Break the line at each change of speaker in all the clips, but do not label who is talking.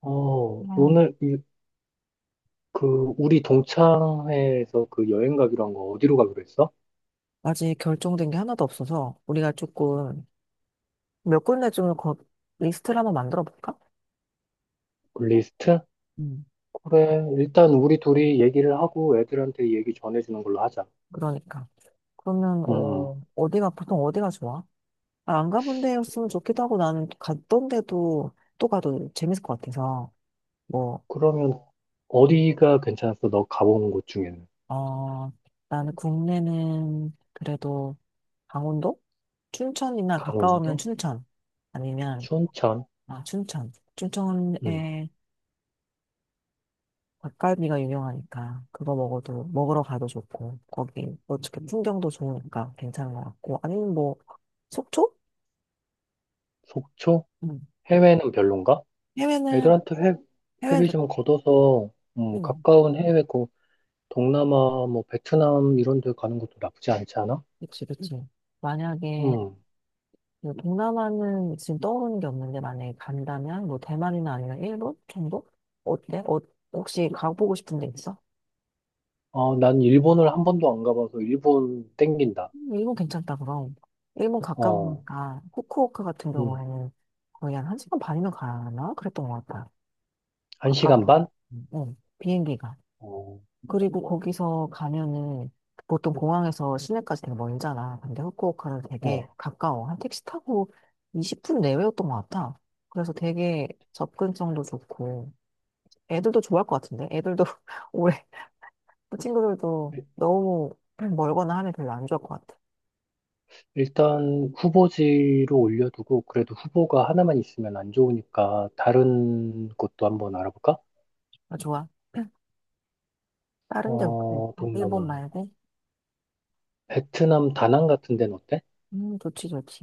음.
오늘 이, 그 우리 동창회에서 그 여행 가기로 한 거 어디로 가기로 했어?
아직 결정된 게 하나도 없어서 우리가 조금 몇 군데 리스트를 한번 만들어 볼까?
그 리스트?
음.
그래, 일단 우리 둘이 얘기를 하고 애들한테 얘기 전해주는 걸로 하자.
그러니까. 그러면
음,
어디가 보통 어디가 좋아? 아, 안 가본 데였으면 좋기도 하고 나는 갔던 데도 또 가도 재밌을 것 같아서 뭐.
그러면 어디가 괜찮았어? 너 가본 곳 중에는?
어, 나는 국내는 그래도 강원도? 춘천이나 가까우면
강원도?
춘천. 아니면
춘천?
아 춘천,
음,
춘천에 닭갈비가 유명하니까 그거 먹어도 먹으러 가도 좋고 거기 어떻게 풍경도 좋으니까 괜찮은 것 같고. 아니면 뭐 속초?
속초?
응.
해외는 별론가?
해외는,
애들한테
해외는
회비 좀
좋대.
걷어서
응.
가까운 해외 고 동남아, 뭐 베트남 이런 데 가는 것도 나쁘지 않지 않아?
그치 그치. 만약에
응.
그 동남아는 지금 떠오르는 게 없는데 만약에 간다면 뭐 대만이나 아니면 일본 정도? 어때? 혹시 가보고 싶은 데 있어?
난 일본을 한 번도 안 가봐서 일본 땡긴다.
일본 괜찮다 그럼. 일본
어,
가까우니까 후쿠오카 같은
음,
경우에는 거의 한 1시간 반이면 가야 하나? 그랬던 것 같아.
한 시간
가깝고,
반?
응, 비행기가.
어,
그리고 거기서 가면은 보통 공항에서 시내까지 되게 멀잖아. 근데 후쿠오카는
어.
되게 가까워. 한 택시 타고 20분 내외였던 것 같아. 그래서 되게 접근성도 좋고, 애들도 좋아할 것 같은데? 애들도 오래 친구들도
일-
너무 멀거나 하면 별로 안 좋아할 것 같아.
일단 후보지로 올려두고 그래도 후보가 하나만 있으면 안 좋으니까 다른 곳도 한번 알아볼까?
아, 좋아. 다른 데 혹시 있어? 일본
동남아.
말고?
베트남 다낭 같은 데는 어때?
좋지, 좋지.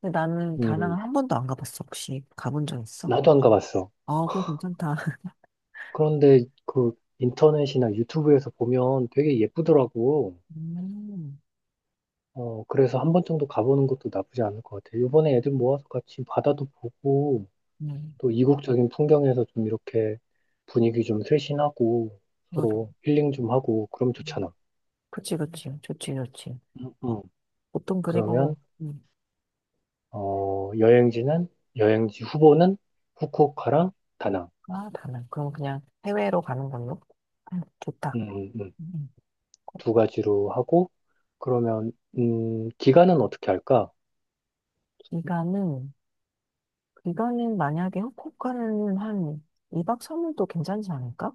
근데 나는 다낭을
음,
한 번도 안 가봤어. 혹시 가본 적 있어?
나도 안 가봤어.
어, 그거 괜찮다.
그런데 그 인터넷이나 유튜브에서 보면 되게 예쁘더라고.
음,
그래서 한 번 정도 가보는 것도 나쁘지 않을 것 같아. 요번에 애들 모아서 같이 바다도 보고,
네.
또 이국적인 풍경에서 좀 이렇게 분위기 좀 쇄신하고
노동.
서로 힐링 좀 하고 그럼
음,
좋잖아.
그치, 그치. 좋지, 좋지.
응, 응.
보통 그리고,
그러면
음,
어, 여행지는 여행지 후보는 후쿠오카랑 다낭.
아, 다른. 그럼 그냥 해외로 가는 걸로? 아, 좋다.
음, 음, 음.
음,
두 가지로 하고 그러면 기간은 어떻게 할까?
기간은, 기간은 만약에 후쿠오카는 한 2박 3일도 괜찮지 않을까?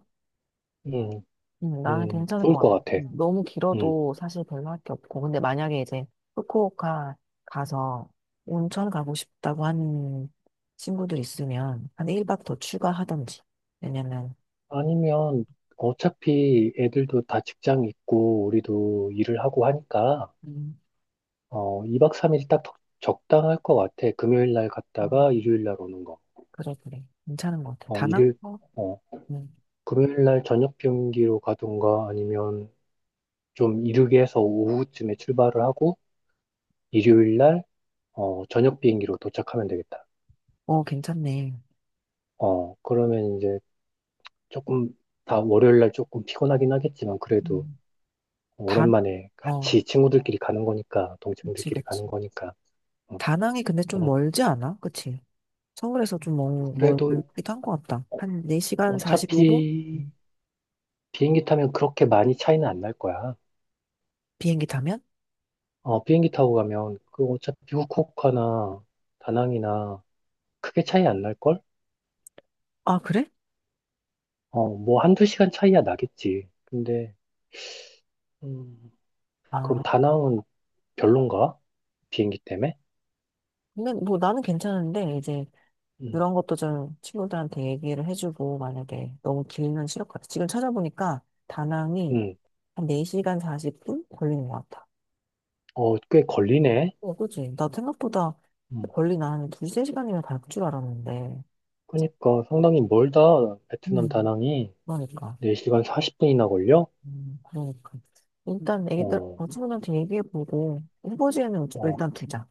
음,
나는 괜찮을
좋을
것 같아.
것 같아.
너무
음.
길어도 사실 별로 할 게 없고. 근데 만약에 이제 후쿠오카 가서 온천 가고 싶다고 하는 친구들 있으면 한 1박 더 추가하던지. 왜냐면,
아니면 어차피 애들도 다 직장 있고 우리도 일을 하고 하니까 2박 3일 딱 적당할 것 같아. 금요일 날
음,
갔다가 일요일 날 오는 거.
그래, 그래. 괜찮은 것 같아.
어, 일요일,
다낭거?
어,
음.
금요일 날 저녁 비행기로 가든가 아니면 좀 이르게 해서 오후쯤에 출발을 하고 일요일 날, 저녁 비행기로 도착하면 되겠다.
어, 괜찮네.
그러면 이제 조금 다 월요일 날 조금 피곤하긴 하겠지만 그래도
음. 다낭?
오랜만에
어,
같이 친구들끼리 가는 거니까,
그치,
동생들끼리
그치.
가는 거니까. 어,
다낭이 근데 좀 멀지 않아? 그치? 서울에서 좀
그래도
멀기도 한 것 같다. 한 4시간 45분?
어차피 비행기 타면 그렇게 많이 차이는 안 날 거야.
비행기 타면?
비행기 타고 가면 그 어차피 후쿠오카나 다낭이나 크게 차이 안 날걸?
아, 그래?
뭐 한두 시간 차이야 나겠지. 근데 음, 그럼
아,
다낭은 별론가? 비행기 때문에?
근데 뭐 나는 괜찮은데, 이제
음,
그런 것도 좀 친구들한테 얘기를 해주고, 만약에 너무 길면 싫을 것 같아. 지금 찾아보니까 다낭이
음,
한 4시간 40분 걸리는 것 같아.
꽤 걸리네.
어, 그지. 나 생각보다
음,
걸리나 한 두세 시간이면 갈 줄 알았는데.
그러니까 상당히 멀다. 베트남
음.
다낭이
그러니까.
4시간 40분이나 걸려?
그러니까. 일단 애기들,
어,
어, 친구들한테 얘기해보고, 후보지에는
어,
일단 두자.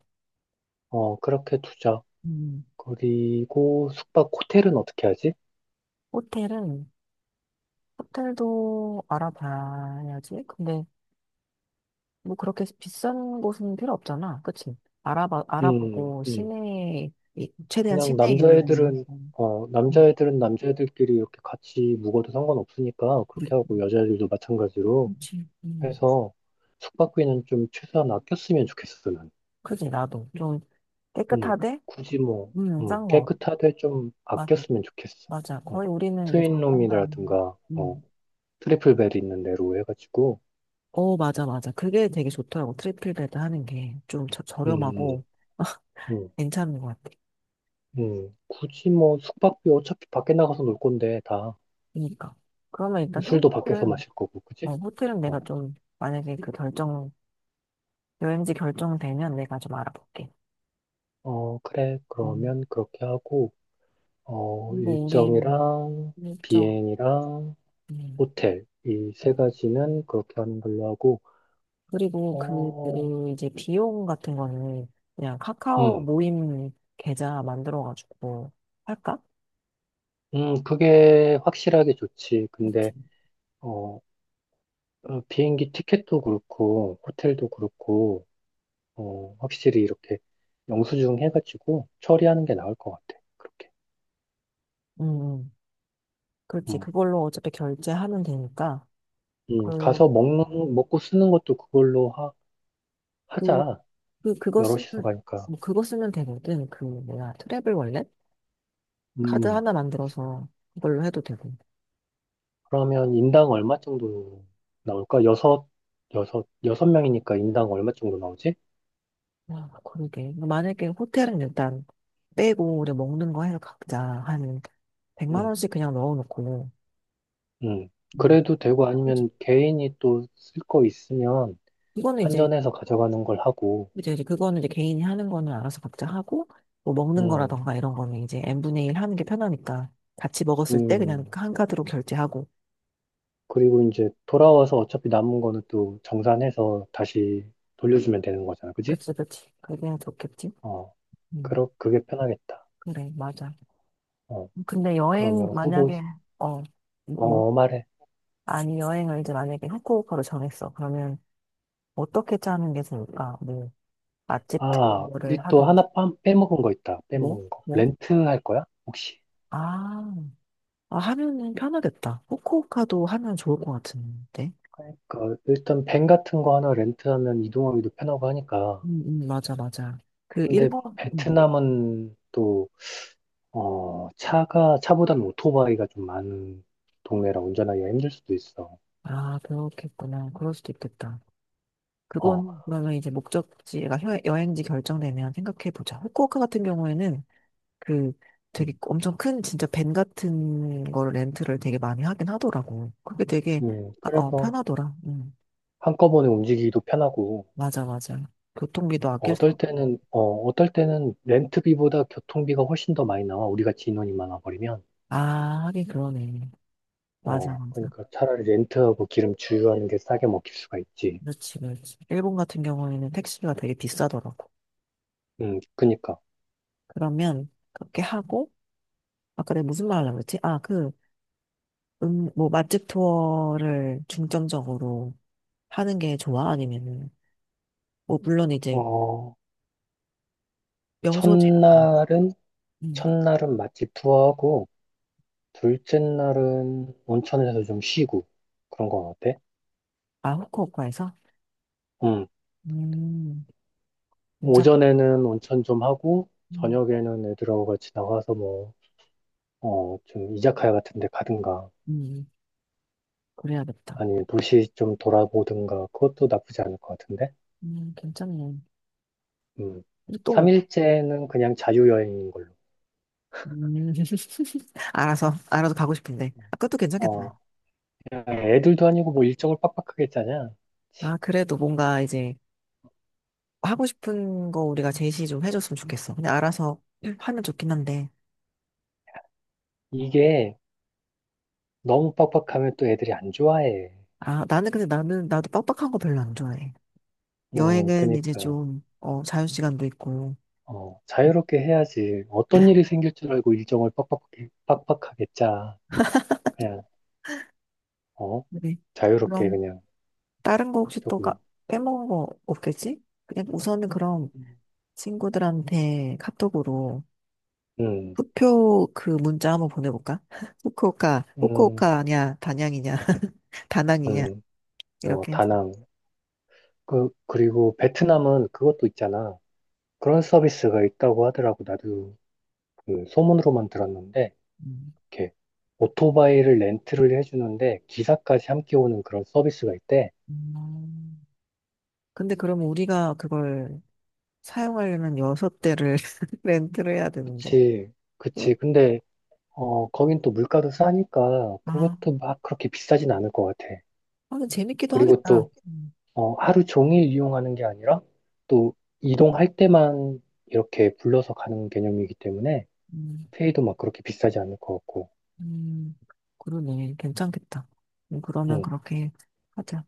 어, 그렇게 두자.
음.
그리고 숙박 호텔은 어떻게 하지?
호텔은, 호텔도 알아봐야지. 근데 뭐 그렇게 비싼 곳은 필요 없잖아. 그치?
음,
알아보고,
음.
시내에, 이- 최대한
그냥
시내에 있는, 거. 음.
남자애들은 남자애들끼리 이렇게 같이 묵어도 상관없으니까 그렇게 하고 여자애들도 마찬가지로
그렇지. 음.
해서 숙박비는 좀 최소한 아꼈으면 좋겠어, 난.
그지, 나도. 좀
음,
깨끗하대?
굳이 뭐,
싼 거.
깨끗하되 좀 아꼈으면 좋겠어.
맞아.
어,
거의 우리는 이제 자판단.
트윈룸이라든가,
음.
트리플 벨 있는 데로 해가지고,
어, 맞아, 맞아. 그게 되게 좋더라고. 트리플 베드 하는 게 좀
음,
저렴하고
음,
괜찮은 것 같아.
굳이 뭐 숙박비 어차피 밖에 나가서 놀 건데 다
그러니까. 그러면 일단
술도 밖에서
호텔은,
마실 거고, 그지?
어, 호텔은 내가 좀, 만약에 그 결정, 여행지 결정되면 내가 좀 알아볼게.
그래.
음.
그러면 그렇게 하고,
그리고 우리
일정이랑
일정.
비행이랑
음.
호텔, 이 세
음.
가지는 그렇게 하는 걸로 하고,
그리고 그,
어,
그 이제 비용 같은 거는 그냥 카카오
음,
모임 계좌 만들어가지고 할까?
그게 확실하게 좋지. 근데,
그렇지.
어, 비행기 티켓도 그렇고, 호텔도 그렇고, 확실히 이렇게 영수증 해가지고 처리하는 게 나을 것 같아. 그렇게.
음. 그렇지.
음,
그걸로 어차피 결제하면 되니까. 그,
가서 먹고 쓰는 것도 그걸로
그,
하자.
그거 쓰면,
여럿이서 가니까.
뭐 그거 쓰면 되거든. 그, 뭐야, 트래블 월렛? 카드
음.
하나 만들어서 그걸로 해도 되고.
그러면 인당 얼마 정도 나올까? 여섯 명이니까 인당 얼마 정도 나오지?
아, 그러게. 뭐 만약에 호텔은 일단 빼고, 우리 먹는 거 해서 각자 한 100만
응,
원씩 그냥 넣어놓고.
응.
음.
그래도 되고
그치.
아니면 개인이 또 쓸 거 있으면
이거는 이제,
환전해서 가져가는 걸 하고,
이제 그거는 이제 개인이 하는 거는 알아서 각자 하고, 뭐 먹는
응,
거라던가 이런 거는 이제 n분의 1 하는 게 편하니까 같이 먹었을 때 그냥
음.
한 카드로 결제하고.
그리고 이제 돌아와서 어차피 남은 거는 또 정산해서 다시 돌려주면 되는 거잖아. 그지?
그치, 그치. 그게 좋겠지?
어,
음,
그게 편하겠다.
그래, 맞아.
어,
근데 여행,
그러면 후보,
만약에, 어, 뭐, 뭐?
말해.
아니, 여행을 이제 만약에 후쿠오카로 정했어. 그러면 어떻게 짜는 게 좋을까? 뭐, 맛집
아,
투어를
우리 또
하든,
하나 빼먹은 거 있다.
뭐,
빼먹은 거.
뭐?
렌트 할 거야? 혹시?
아, 아, 하면은 편하겠다. 후쿠오카도 하면 좋을 것 같은데.
그러니까 일단 밴 같은 거 하나 렌트하면 이동하기도 편하고 하니까.
맞아, 맞아. 그,
근데
일본, 음.
베트남은 또 어, 차가 차보다는 오토바이가 좀 많은 동네라 운전하기가 힘들 수도 있어.
아, 그렇겠구나. 그럴 수도 있겠다.
어,
그건, 그러면 이제 목적지가 여- 여행지 결정되면 생각해보자. 후쿠오카 같은 경우에는 그 되게
음,
엄청 큰 진짜 밴 같은 거를 렌트를 되게 많이 하긴 하더라고. 그게 되게. 아, 어
그래서
편하더라. 응.
한꺼번에 움직이기도 편하고
맞아 맞아. 교통비도 아낄 수.
어떨 때는 렌트비보다 교통비가 훨씬 더 많이 나와. 우리 같이 인원이 많아 버리면.
아 하긴 그러네. 맞아 맞아.
그러니까 차라리 렌트하고 기름 주유하는 게 싸게 먹힐 수가 있지.
그렇지 그렇지. 일본 같은 경우에는 택시가 되게 비싸더라고.
그러니까.
그러면 그렇게 하고 아까 내가 무슨 말 하려고 했지? 아 그 뭐 맛집 투어를 중점적으로 하는 게 좋아? 아니면은 뭐 물론 이제
어,
명소지도 가고.
첫날은
음.
첫날은 맛집 투어하고, 둘째 날은 온천에서 좀 쉬고, 그런 건 어때?
아 후쿠오카에서?
음,
음. 괜찮다.
오전에는 온천 좀 하고,
음,
저녁에는 애들하고 같이 나가서 뭐, 좀 이자카야 같은 데 가든가,
음, 그래야겠다.
아니면 도시 좀 돌아보든가, 그것도 나쁘지 않을 것 같은데?
괜찮네.
음,
근데 또,
3일째는 그냥 자유여행인 걸로.
음, 알아서 가고 싶은데. 아, 그것도
어,
괜찮겠다.
그냥 애들도 아니고 뭐 일정을 빡빡하게 짜냐?
아, 그래도 뭔가 이제 하고 싶은 거 우리가 제시 좀 해줬으면 좋겠어. 그냥 알아서 하면 좋긴 한데.
이게 너무 빡빡하면 또 애들이 안 좋아해.
아, 나도 빡빡한 거 별로 안 좋아해. 여행은 이제
그니까.
좀, 어, 자유시간도 있고. 음,
자유롭게 해야지. 어떤 일이 생길 줄 알고 일정을 빡빡하게 짜. 그냥, 어,
그래.
자유롭게
그럼,
그냥
다른 거 혹시 또 까,
조금,
빼먹은 거 없겠지? 그냥 우선은 그럼
음.
친구들한테 카톡으로
음,
후표 그 문자 한번 보내볼까?
음,
단양이냐, 다낭이냐,
음,
이렇게 해서.
다낭. 그리고 베트남은 그것도 있잖아. 그런 서비스가 있다고 하더라고. 나도 그 소문으로만 들었는데,
음.
이렇게 오토바이를 렌트를 해주는데 기사까지 함께 오는 그런 서비스가 있대.
음. 근데 그럼 우리가 그걸 사용하려면 여섯 대를 렌트를 해야 되는데.
그치,
어?
그치. 근데 거긴 또 물가도 싸니까
아,
그것도 막 그렇게 비싸진 않을 것 같아.
아, 근데 재밌기도
그리고
하겠다.
또, 하루 종일 이용하는 게 아니라 또 이동할 때만 이렇게 불러서 가는 개념이기 때문에
음,
페이도 막 그렇게 비싸지 않을 것 같고,
음, 그러네. 괜찮겠다. 그러면
응.
그렇게 하자.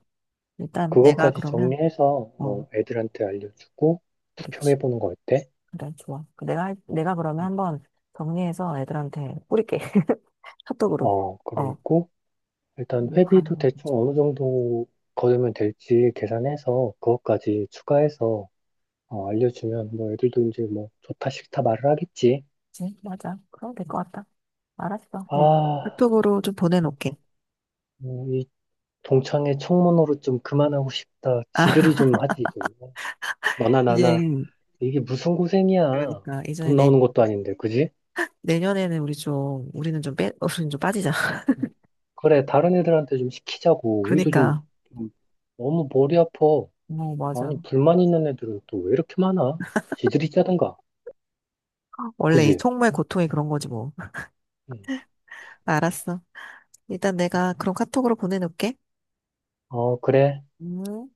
일단 내가
그것까지
그러면,
정리해서
어,
애들한테 알려주고
그렇지.
투표해보는 거 어때?
그래, 좋아. 내가, 할- 내가 그러면
음.
한번 정리해서 애들한테 뿌릴게. 카톡으로. 어,
그리고 일단
이거 가
회비도
능
대충 어느 정도 거두면 될지 계산해서 그것까지 추가해서 알려주면 뭐 애들도 이제 뭐 좋다 싫다 말을 하겠지.
괜찮지? 맞아. 그럼 될 것 같다. 알았어. 그럼
아,
카톡으로 좀 보내놓게.
이 동창회 청문회로 좀 그만하고 싶다.
아,
지들이 좀 하지 좀. 너나
이제,
나나 이게 무슨 고생이야.
그러니까, 이전에
돈
내,
나오는 것도 아닌데, 그지?
내년에는 우리 좀, 우리는 좀 빠지자.
어, 그래, 다른 애들한테 좀 시키자고. 우리도 좀,
그러니까,
좀 너무 머리 아파.
어, 맞아.
아니, 불만 있는 애들은 또 왜 이렇게 많아? 지들이 짜든가,
원래 이
그지?
속말 고통이 그런 거지 뭐. 알았어. 일단
응.
내가 그럼 카톡으로 보내놓게.
어, 그래.
음.